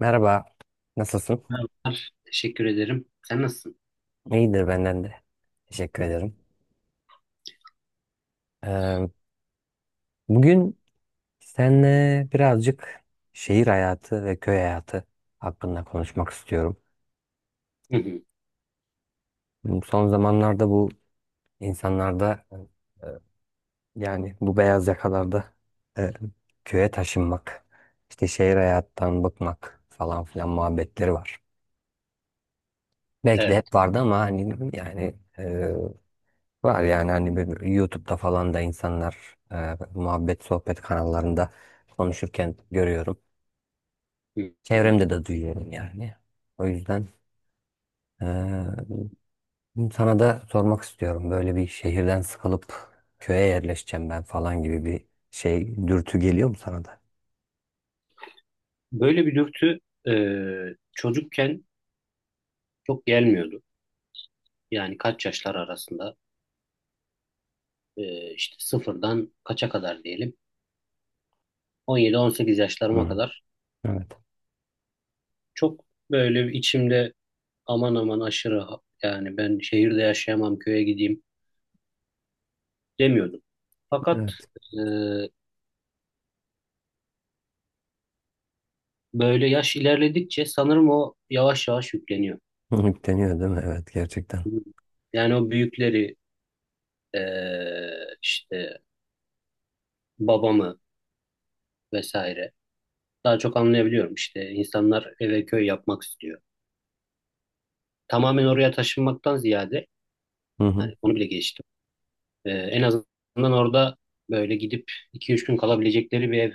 Merhaba, nasılsın? Merhabalar, teşekkür ederim. Sen nasılsın? İyidir benden de. Teşekkür ederim. Ee, bugün seninle birazcık şehir hayatı ve köy hayatı hakkında konuşmak istiyorum. Hı hı, Son zamanlarda bu insanlarda e, yani bu beyaz yakalarda e, köye taşınmak, işte şehir hayattan bıkmak falan filan muhabbetleri var. Belki de Evet. hep vardı ama hani yani var yani hani bir YouTube'da falan da insanlar muhabbet sohbet kanallarında konuşurken görüyorum. Hı hı. Çevremde de duyuyorum yani. O yüzden e, sana da sormak istiyorum. Böyle bir şehirden sıkılıp köye yerleşeceğim ben falan gibi bir şey dürtü geliyor mu sana da? Böyle bir dürtü e, çocukken çok gelmiyordu. Yani kaç yaşlar arasında işte sıfırdan kaça kadar diyelim. 17-18 yaşlarıma Hı. kadar Evet. çok böyle bir içimde aman aman aşırı yani ben şehirde yaşayamam köye gideyim demiyordum. Fakat Evet. e, böyle yaş ilerledikçe sanırım o yavaş yavaş yükleniyor. deniyor değil mi? Evet gerçekten. Yani o büyükleri e, işte babamı vesaire. Daha çok anlayabiliyorum işte insanlar eve köy yapmak istiyor. Tamamen oraya taşınmaktan ziyade Hı hı. yani onu bile geçtim. En azından orada böyle gidip 2-3 gün kalabilecekleri bir ev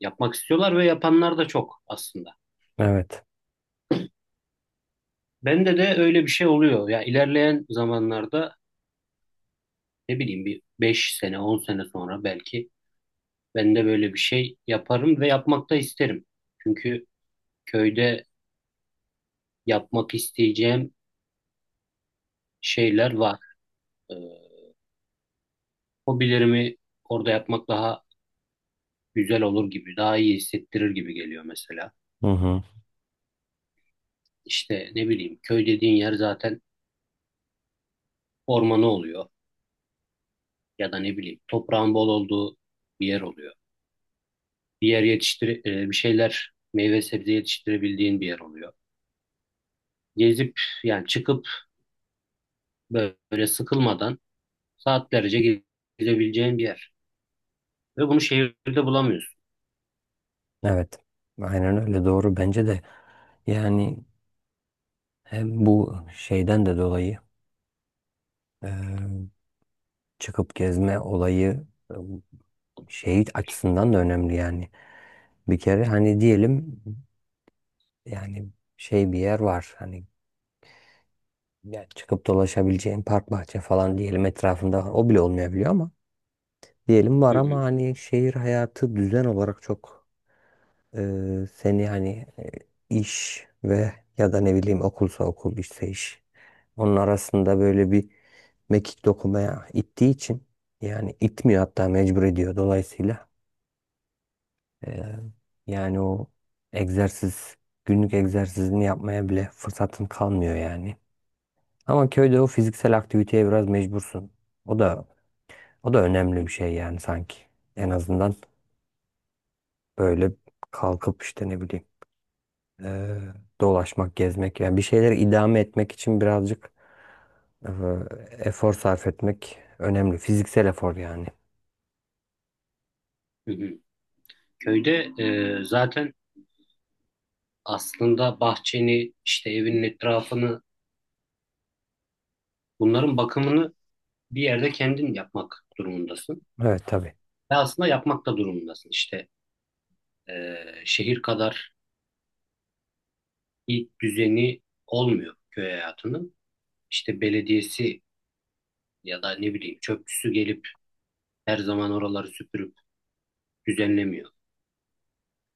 yapmak istiyorlar ve yapanlar da çok aslında. Evet. Bende de öyle bir şey oluyor. Ya ilerleyen zamanlarda ne bileyim bir 5 sene 10 sene sonra belki ben de böyle bir şey yaparım ve yapmak da isterim. Çünkü köyde yapmak isteyeceğim şeyler var. Ee, Hobilerimi orada yapmak daha güzel olur gibi, daha iyi hissettirir gibi geliyor mesela. Hı hı. İşte ne bileyim köy dediğin yer zaten ormanı oluyor ya da ne bileyim toprağın bol olduğu bir yer oluyor. Bir şeyler meyve sebze yetiştirebildiğin bir yer oluyor. Gezip yani çıkıp böyle sıkılmadan saatlerce gezebileceğin bir yer. Ve bunu şehirde bulamıyorsun. Evet. Aynen öyle, doğru, bence de. Yani hem bu şeyden de dolayı, Eee, çıkıp gezme olayı şey açısından da önemli yani. Bir kere hani diyelim, yani şey, bir yer var hani, yani çıkıp dolaşabileceğin park bahçe falan, diyelim etrafında o bile olmayabiliyor, ama diyelim Hı var, ama hı, hani şehir hayatı düzen olarak çok e, seni hani e, iş ve ya da ne bileyim okulsa okul, işse iş, onun arasında böyle bir mekik dokumaya ittiği için, yani itmiyor, hatta mecbur ediyor. Dolayısıyla Ee, yani o egzersiz, günlük egzersizini yapmaya bile fırsatın kalmıyor yani. Ama köyde o fiziksel aktiviteye biraz mecbursun. O da o da önemli bir şey yani sanki. En azından böyle kalkıp, işte ne bileyim, ee, dolaşmak, gezmek, yani bir şeyleri idame etmek için birazcık ee, efor sarf etmek önemli. Fiziksel efor yani. hı hı. Köyde zaten aslında bahçeni işte evinin etrafını bunların bakımını bir yerde kendin yapmak durumundasın. Evet, tabii. Ve aslında yapmak da durumundasın. İşte şehir kadar bir düzeni olmuyor köy hayatının. İşte belediyesi ya da ne bileyim çöpçüsü gelip her zaman oraları süpürüp düzenlemiyor.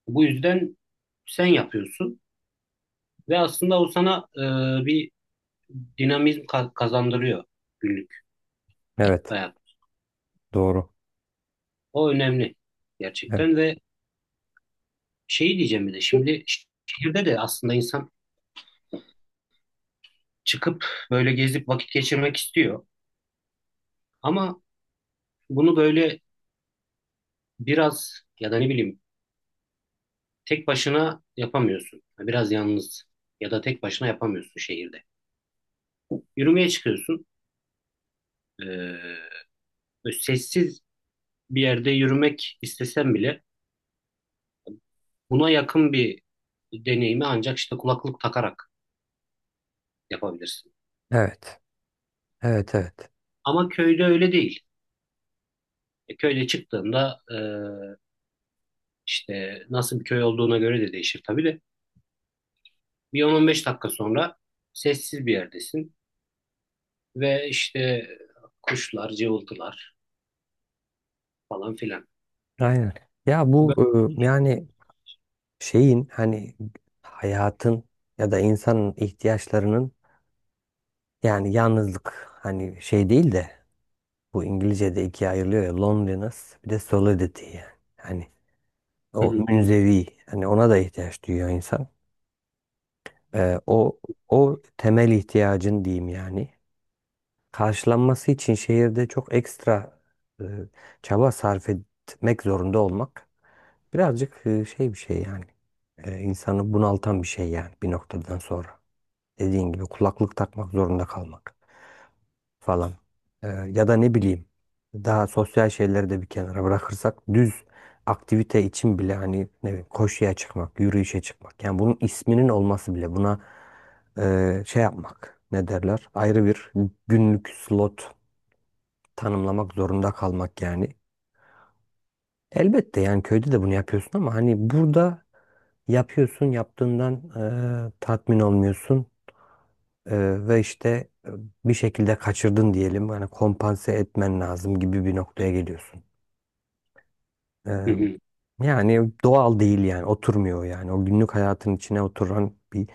Bu yüzden sen yapıyorsun ve aslında o sana bir dinamizm kazandırıyor günlük Evet. hayat. Doğru. O önemli Evet. gerçekten ve şeyi diyeceğim bir de şimdi şehirde de aslında insan çıkıp böyle gezip vakit geçirmek istiyor. Ama bunu böyle biraz ya da ne bileyim tek başına yapamıyorsun. Yani biraz yalnız ya da tek başına yapamıyorsun şehirde. Yürümeye çıkıyorsun. Ee, böyle sessiz bir yerde yürümek istesen bile buna yakın bir deneyimi ancak işte kulaklık takarak yapabilirsin. Evet. Evet. Evet. Ama köyde öyle değil. Köyde çıktığında işte nasıl bir köy olduğuna göre de değişir tabii de. Bir 10-15 dakika sonra sessiz bir yerdesin. Ve işte kuşlar, cıvıltılar falan filan. Aynen. Ya bu Bö- yani şeyin, hani hayatın ya da insanın ihtiyaçlarının, yani yalnızlık hani şey değil de, bu İngilizce'de ikiye ayrılıyor ya, loneliness bir de solidity yani. Hani Hı o hı, münzevi, hani ona da ihtiyaç duyuyor insan. E, o o temel ihtiyacın diyeyim yani. Karşılanması için şehirde çok ekstra e, çaba sarf etmek zorunda olmak birazcık şey bir şey yani. İnsanı bunaltan bir şey yani, bir noktadan sonra. Dediğin gibi kulaklık takmak zorunda kalmak falan. Ya da ne bileyim, daha sosyal şeyleri de bir kenara bırakırsak düz aktivite için bile, hani ne bileyim, koşuya çıkmak, yürüyüşe çıkmak. Yani bunun isminin olması bile buna şey yapmak, ne derler, ayrı bir günlük slot tanımlamak zorunda kalmak yani. Elbette yani köyde de bunu yapıyorsun ama hani burada yapıyorsun, yaptığından tatmin olmuyorsun, ve işte bir şekilde kaçırdın diyelim. Hani kompanse etmen lazım gibi bir noktaya geliyorsun. E, hı hı, yani doğal değil yani, oturmuyor yani. O günlük hayatın içine oturan bir,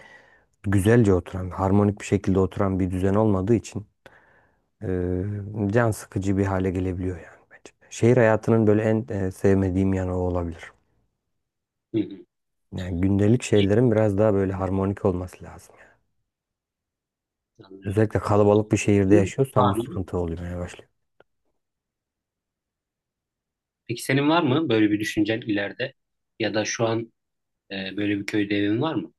güzelce oturan, harmonik bir şekilde oturan bir düzen olmadığı için can sıkıcı bir hale gelebiliyor yani, bence. Şehir hayatının böyle en sevmediğim yanı o olabilir. hı hı. Yani gündelik şeylerin biraz daha böyle harmonik olması lazım yani. Anlıyorum. Özellikle kalabalık bir şehirde Senin yaşıyorsan bu var mı? sıkıntı olmaya başlıyor. Peki senin var mı böyle bir düşüncen ileride? Ya da şu an böyle bir köyde evin var mı?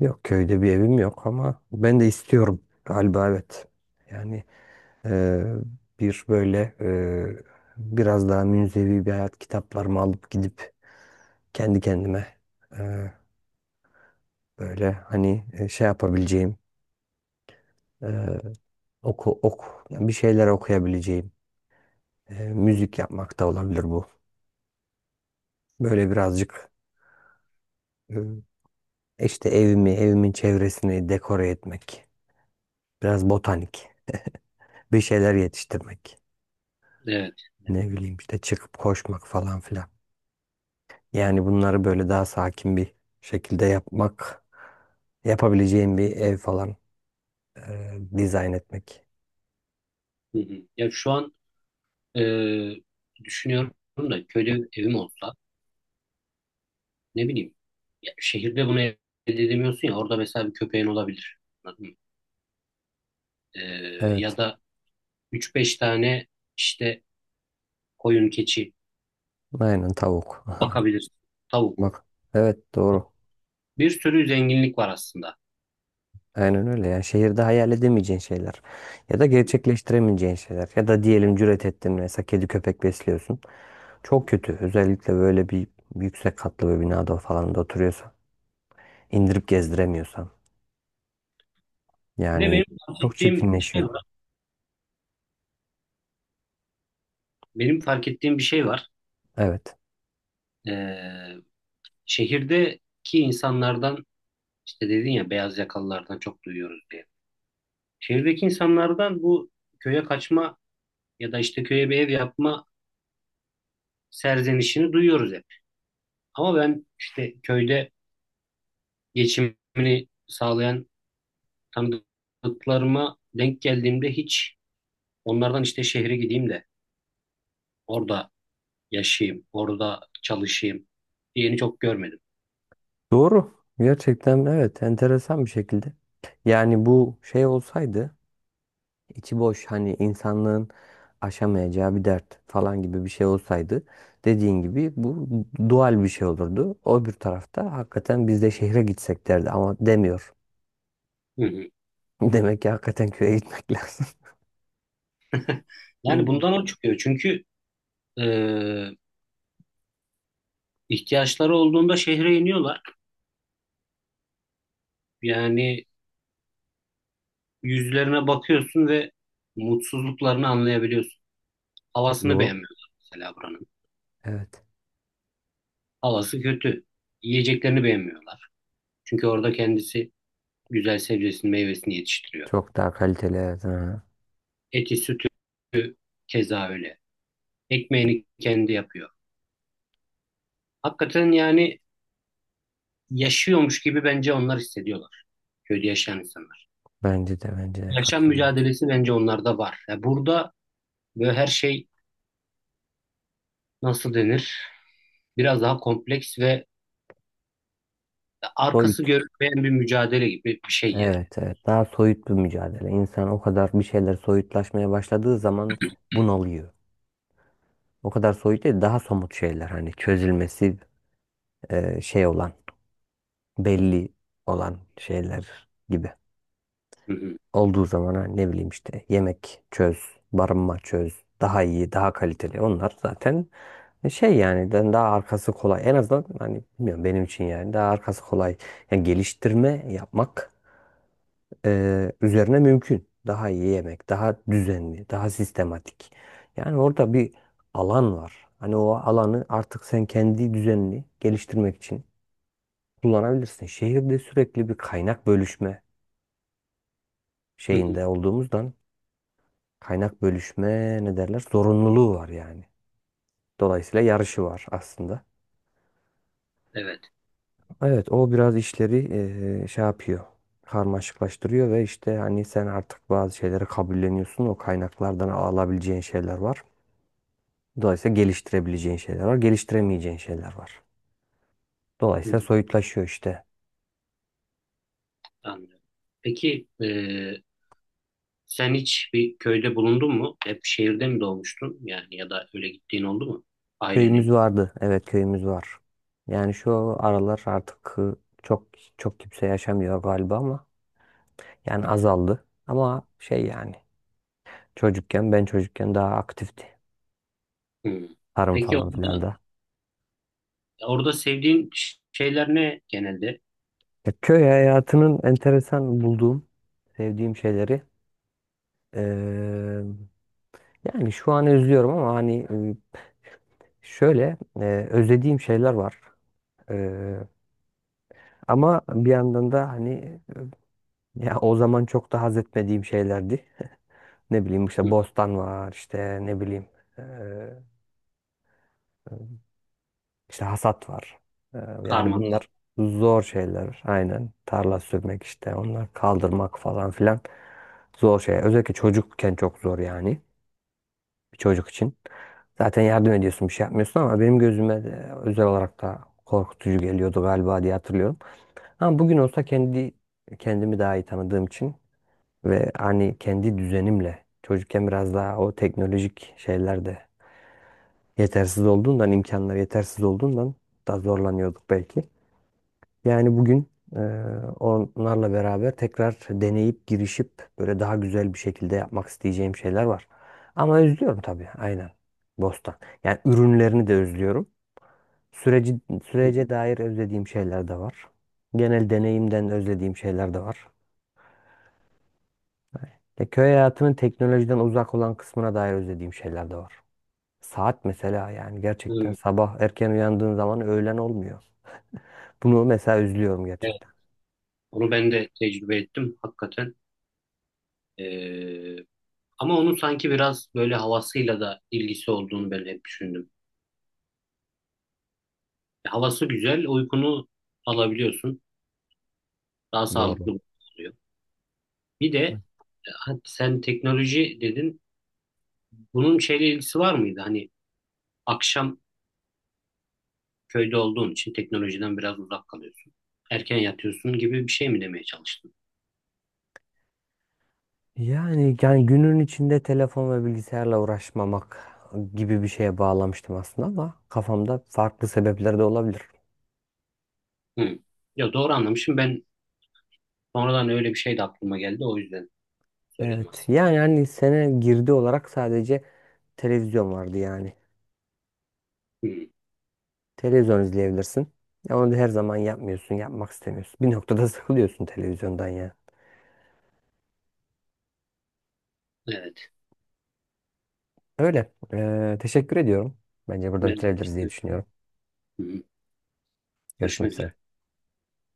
Yok, köyde bir evim yok, ama ben de istiyorum galiba, evet. Yani e, bir böyle biraz daha münzevi bir hayat, kitaplarımı alıp gidip kendi kendime e, böyle hani şey yapabileceğim, e, oku oku yani bir şeyler okuyabileceğim, Hı, müzik yapmak da olabilir bu. Böyle birazcık İşte evimi, evimin çevresini dekore etmek, biraz botanik, bir şeyler yetiştirmek, Evet. Evet. ne bileyim işte çıkıp koşmak falan filan. Yani bunları böyle daha sakin bir şekilde yapmak, yapabileceğim bir ev falan dizayn etmek. Hı hı. Ya şu an e, düşünüyorum da köyde evim olsa ne bileyim ya şehirde bunu elde edemiyorsun ya orada mesela bir köpeğin olabilir. Anladın mı? E, ya Evet, da üç beş tane işte koyun, keçi aynen, tavuk. bakabilirsin. Tavuk. Bak, evet, doğru. Bir sürü zenginlik var aslında. Aynen öyle yani, şehirde hayal edemeyeceğin şeyler ya da gerçekleştiremeyeceğin şeyler, ya da diyelim cüret ettin, mesela kedi köpek besliyorsun. Çok kötü, özellikle böyle bir yüksek katlı bir binada falan da oturuyorsan, indirip gezdiremiyorsan Bir de yani, benim fark çok ettiğim şey çirkinleşiyor. var. Benim fark ettiğim bir şey var. Evet, Ee, şehirdeki insanlardan işte dedin ya beyaz yakalılardan çok duyuyoruz diye. Şehirdeki insanlardan bu köye kaçma ya da işte köye bir ev yapma serzenişini duyuyoruz hep. Ama ben işte köyde geçimini sağlayan tanıdıklarıma denk geldiğimde hiç onlardan işte şehre gideyim de orada yaşayayım, orada çalışayım diyeni çok görmedim. doğru, gerçekten, evet, enteresan bir şekilde. Yani bu şey olsaydı, içi boş hani, insanlığın aşamayacağı bir dert falan gibi bir şey olsaydı, dediğin gibi bu dual bir şey olurdu. O bir tarafta hakikaten biz de şehre gitsek derdi, ama demiyor. Hı hı. Demek ki hakikaten köye gitmek lazım. Yani Hmm. bundan o çıkıyor. Çünkü e, ihtiyaçları olduğunda şehre iniyorlar. Yani yüzlerine bakıyorsun ve mutsuzluklarını anlayabiliyorsun. Havasını Doğru. beğenmiyorlar mesela buranın. Evet. Havası kötü. Yiyeceklerini beğenmiyorlar. Çünkü orada kendisi güzel sebzesini, meyvesini yetiştiriyor. Çok daha kaliteli, evet. Ha. Eti, sütü keza öyle. Ekmeğini kendi yapıyor. Hakikaten yani yaşıyormuş gibi bence onlar hissediyorlar. Köyde yaşayan insanlar. Bence de, bence de, Yaşam katılıyorum. mücadelesi bence onlarda var. Ya burada böyle her şey nasıl denir? Biraz daha kompleks ve arkası Soyut. görünmeyen bir mücadele gibi bir şey yani. Evet, evet. Daha soyut bir mücadele. İnsan o kadar bir şeyler soyutlaşmaya başladığı zaman bunalıyor. O kadar soyut değil, daha somut şeyler, hani çözülmesi şey olan, belli olan şeyler gibi. Hı hı, Olduğu zaman ha, ne bileyim işte, yemek çöz, barınma çöz, daha iyi, daha kaliteli. Onlar zaten şey, yani ben daha arkası kolay. En azından hani, bilmiyorum, benim için yani daha arkası kolay. Yani geliştirme yapmak üzerine mümkün. Daha iyi yemek, daha düzenli, daha sistematik. Yani orada bir alan var. Hani o alanı artık sen kendi düzenini geliştirmek için kullanabilirsin. Şehirde sürekli bir kaynak bölüşme hı hı. şeyinde olduğumuzdan, kaynak bölüşme ne derler, zorunluluğu var yani. Dolayısıyla yarışı var aslında. Evet. Evet, o biraz işleri şey yapıyor. Karmaşıklaştırıyor. Ve işte hani sen artık bazı şeyleri kabulleniyorsun. O kaynaklardan alabileceğin şeyler var. Dolayısıyla geliştirebileceğin şeyler var. Geliştiremeyeceğin şeyler var. Hı hı, Dolayısıyla soyutlaşıyor işte. anlıyorum. Peki sen hiç bir köyde bulundun mu? Hep şehirde mi doğmuştun? Yani ya da öyle gittiğin oldu mu? Köyümüz Ailenin. vardı. Evet, köyümüz var. Yani şu aralar artık çok çok kimse yaşamıyor galiba, ama yani azaldı. Ama şey yani, ben çocukken daha aktifti. Hı. Tarım Peki falan filan orada, da. orada sevdiğin şeyler ne genelde? Ya, köy hayatının enteresan bulduğum, sevdiğim şeyleri eee, yani şu an özlüyorum ama hani şöyle özlediğim şeyler var. Eee, ama bir yandan da hani ya o zaman çok da haz etmediğim şeylerdi. Ne bileyim, işte Hı. bostan var, işte ne bileyim, eee İşte hasat var. Ee, Yani Karman kal. bunlar zor şeyler. Aynen. Tarla sürmek, işte onlar, kaldırmak falan filan. Zor şey. Özellikle çocukken çok zor yani. Bir çocuk için. Zaten yardım ediyorsun, bir şey yapmıyorsun, ama benim gözüme de özel olarak da korkutucu geliyordu galiba, diye hatırlıyorum. Ama bugün olsa, kendi kendimi daha iyi tanıdığım için ve hani kendi düzenimle, çocukken biraz daha o teknolojik şeyler de yetersiz olduğundan, imkanlar yetersiz olduğundan daha zorlanıyorduk belki. Yani bugün e, onlarla beraber tekrar deneyip girişip böyle daha güzel bir şekilde yapmak isteyeceğim şeyler var. Ama özlüyorum tabii, aynen. Bostan. Yani ürünlerini de özlüyorum. Süreci, Hı hı, sürece dair özlediğim şeyler de var. Genel deneyimden özlediğim şeyler de var. Köy hayatının teknolojiden uzak olan kısmına dair özlediğim şeyler de var. Saat mesela, yani gerçekten hı. sabah erken uyandığın zaman öğlen olmuyor. Bunu mesela özlüyorum, Evet. gerçekten. Onu ben de tecrübe ettim hakikaten. E, Ama onun sanki biraz böyle havasıyla da ilgisi olduğunu ben hep düşündüm. Havası güzel, uykunu alabiliyorsun. Daha Doğru. sağlıklı oluyor. Bir de sen teknoloji dedin. Bunun şeyle ilgisi var mıydı? Hani akşam köyde olduğun için teknolojiden biraz uzak kalıyorsun. Erken yatıyorsun gibi bir şey mi demeye çalıştın? Yani günün içinde telefon ve bilgisayarla uğraşmamak gibi bir şeye bağlamıştım aslında, ama kafamda farklı sebepler de olabilir. Hı. Ya doğru anlamışım. Ben sonradan öyle bir şey de aklıma geldi. O yüzden söyledim Evet. aslında. Yani hani sene girdi olarak sadece televizyon vardı yani. Hı. Televizyon izleyebilirsin. Ya onu da her zaman yapmıyorsun, yapmak istemiyorsun. Bir noktada sıkılıyorsun televizyondan ya. Evet. Öyle. Teşekkür ediyorum. Bence burada Ben. bitirebiliriz diye düşünüyorum. Hı. Görüşmek Görüşmek üzere. üzere.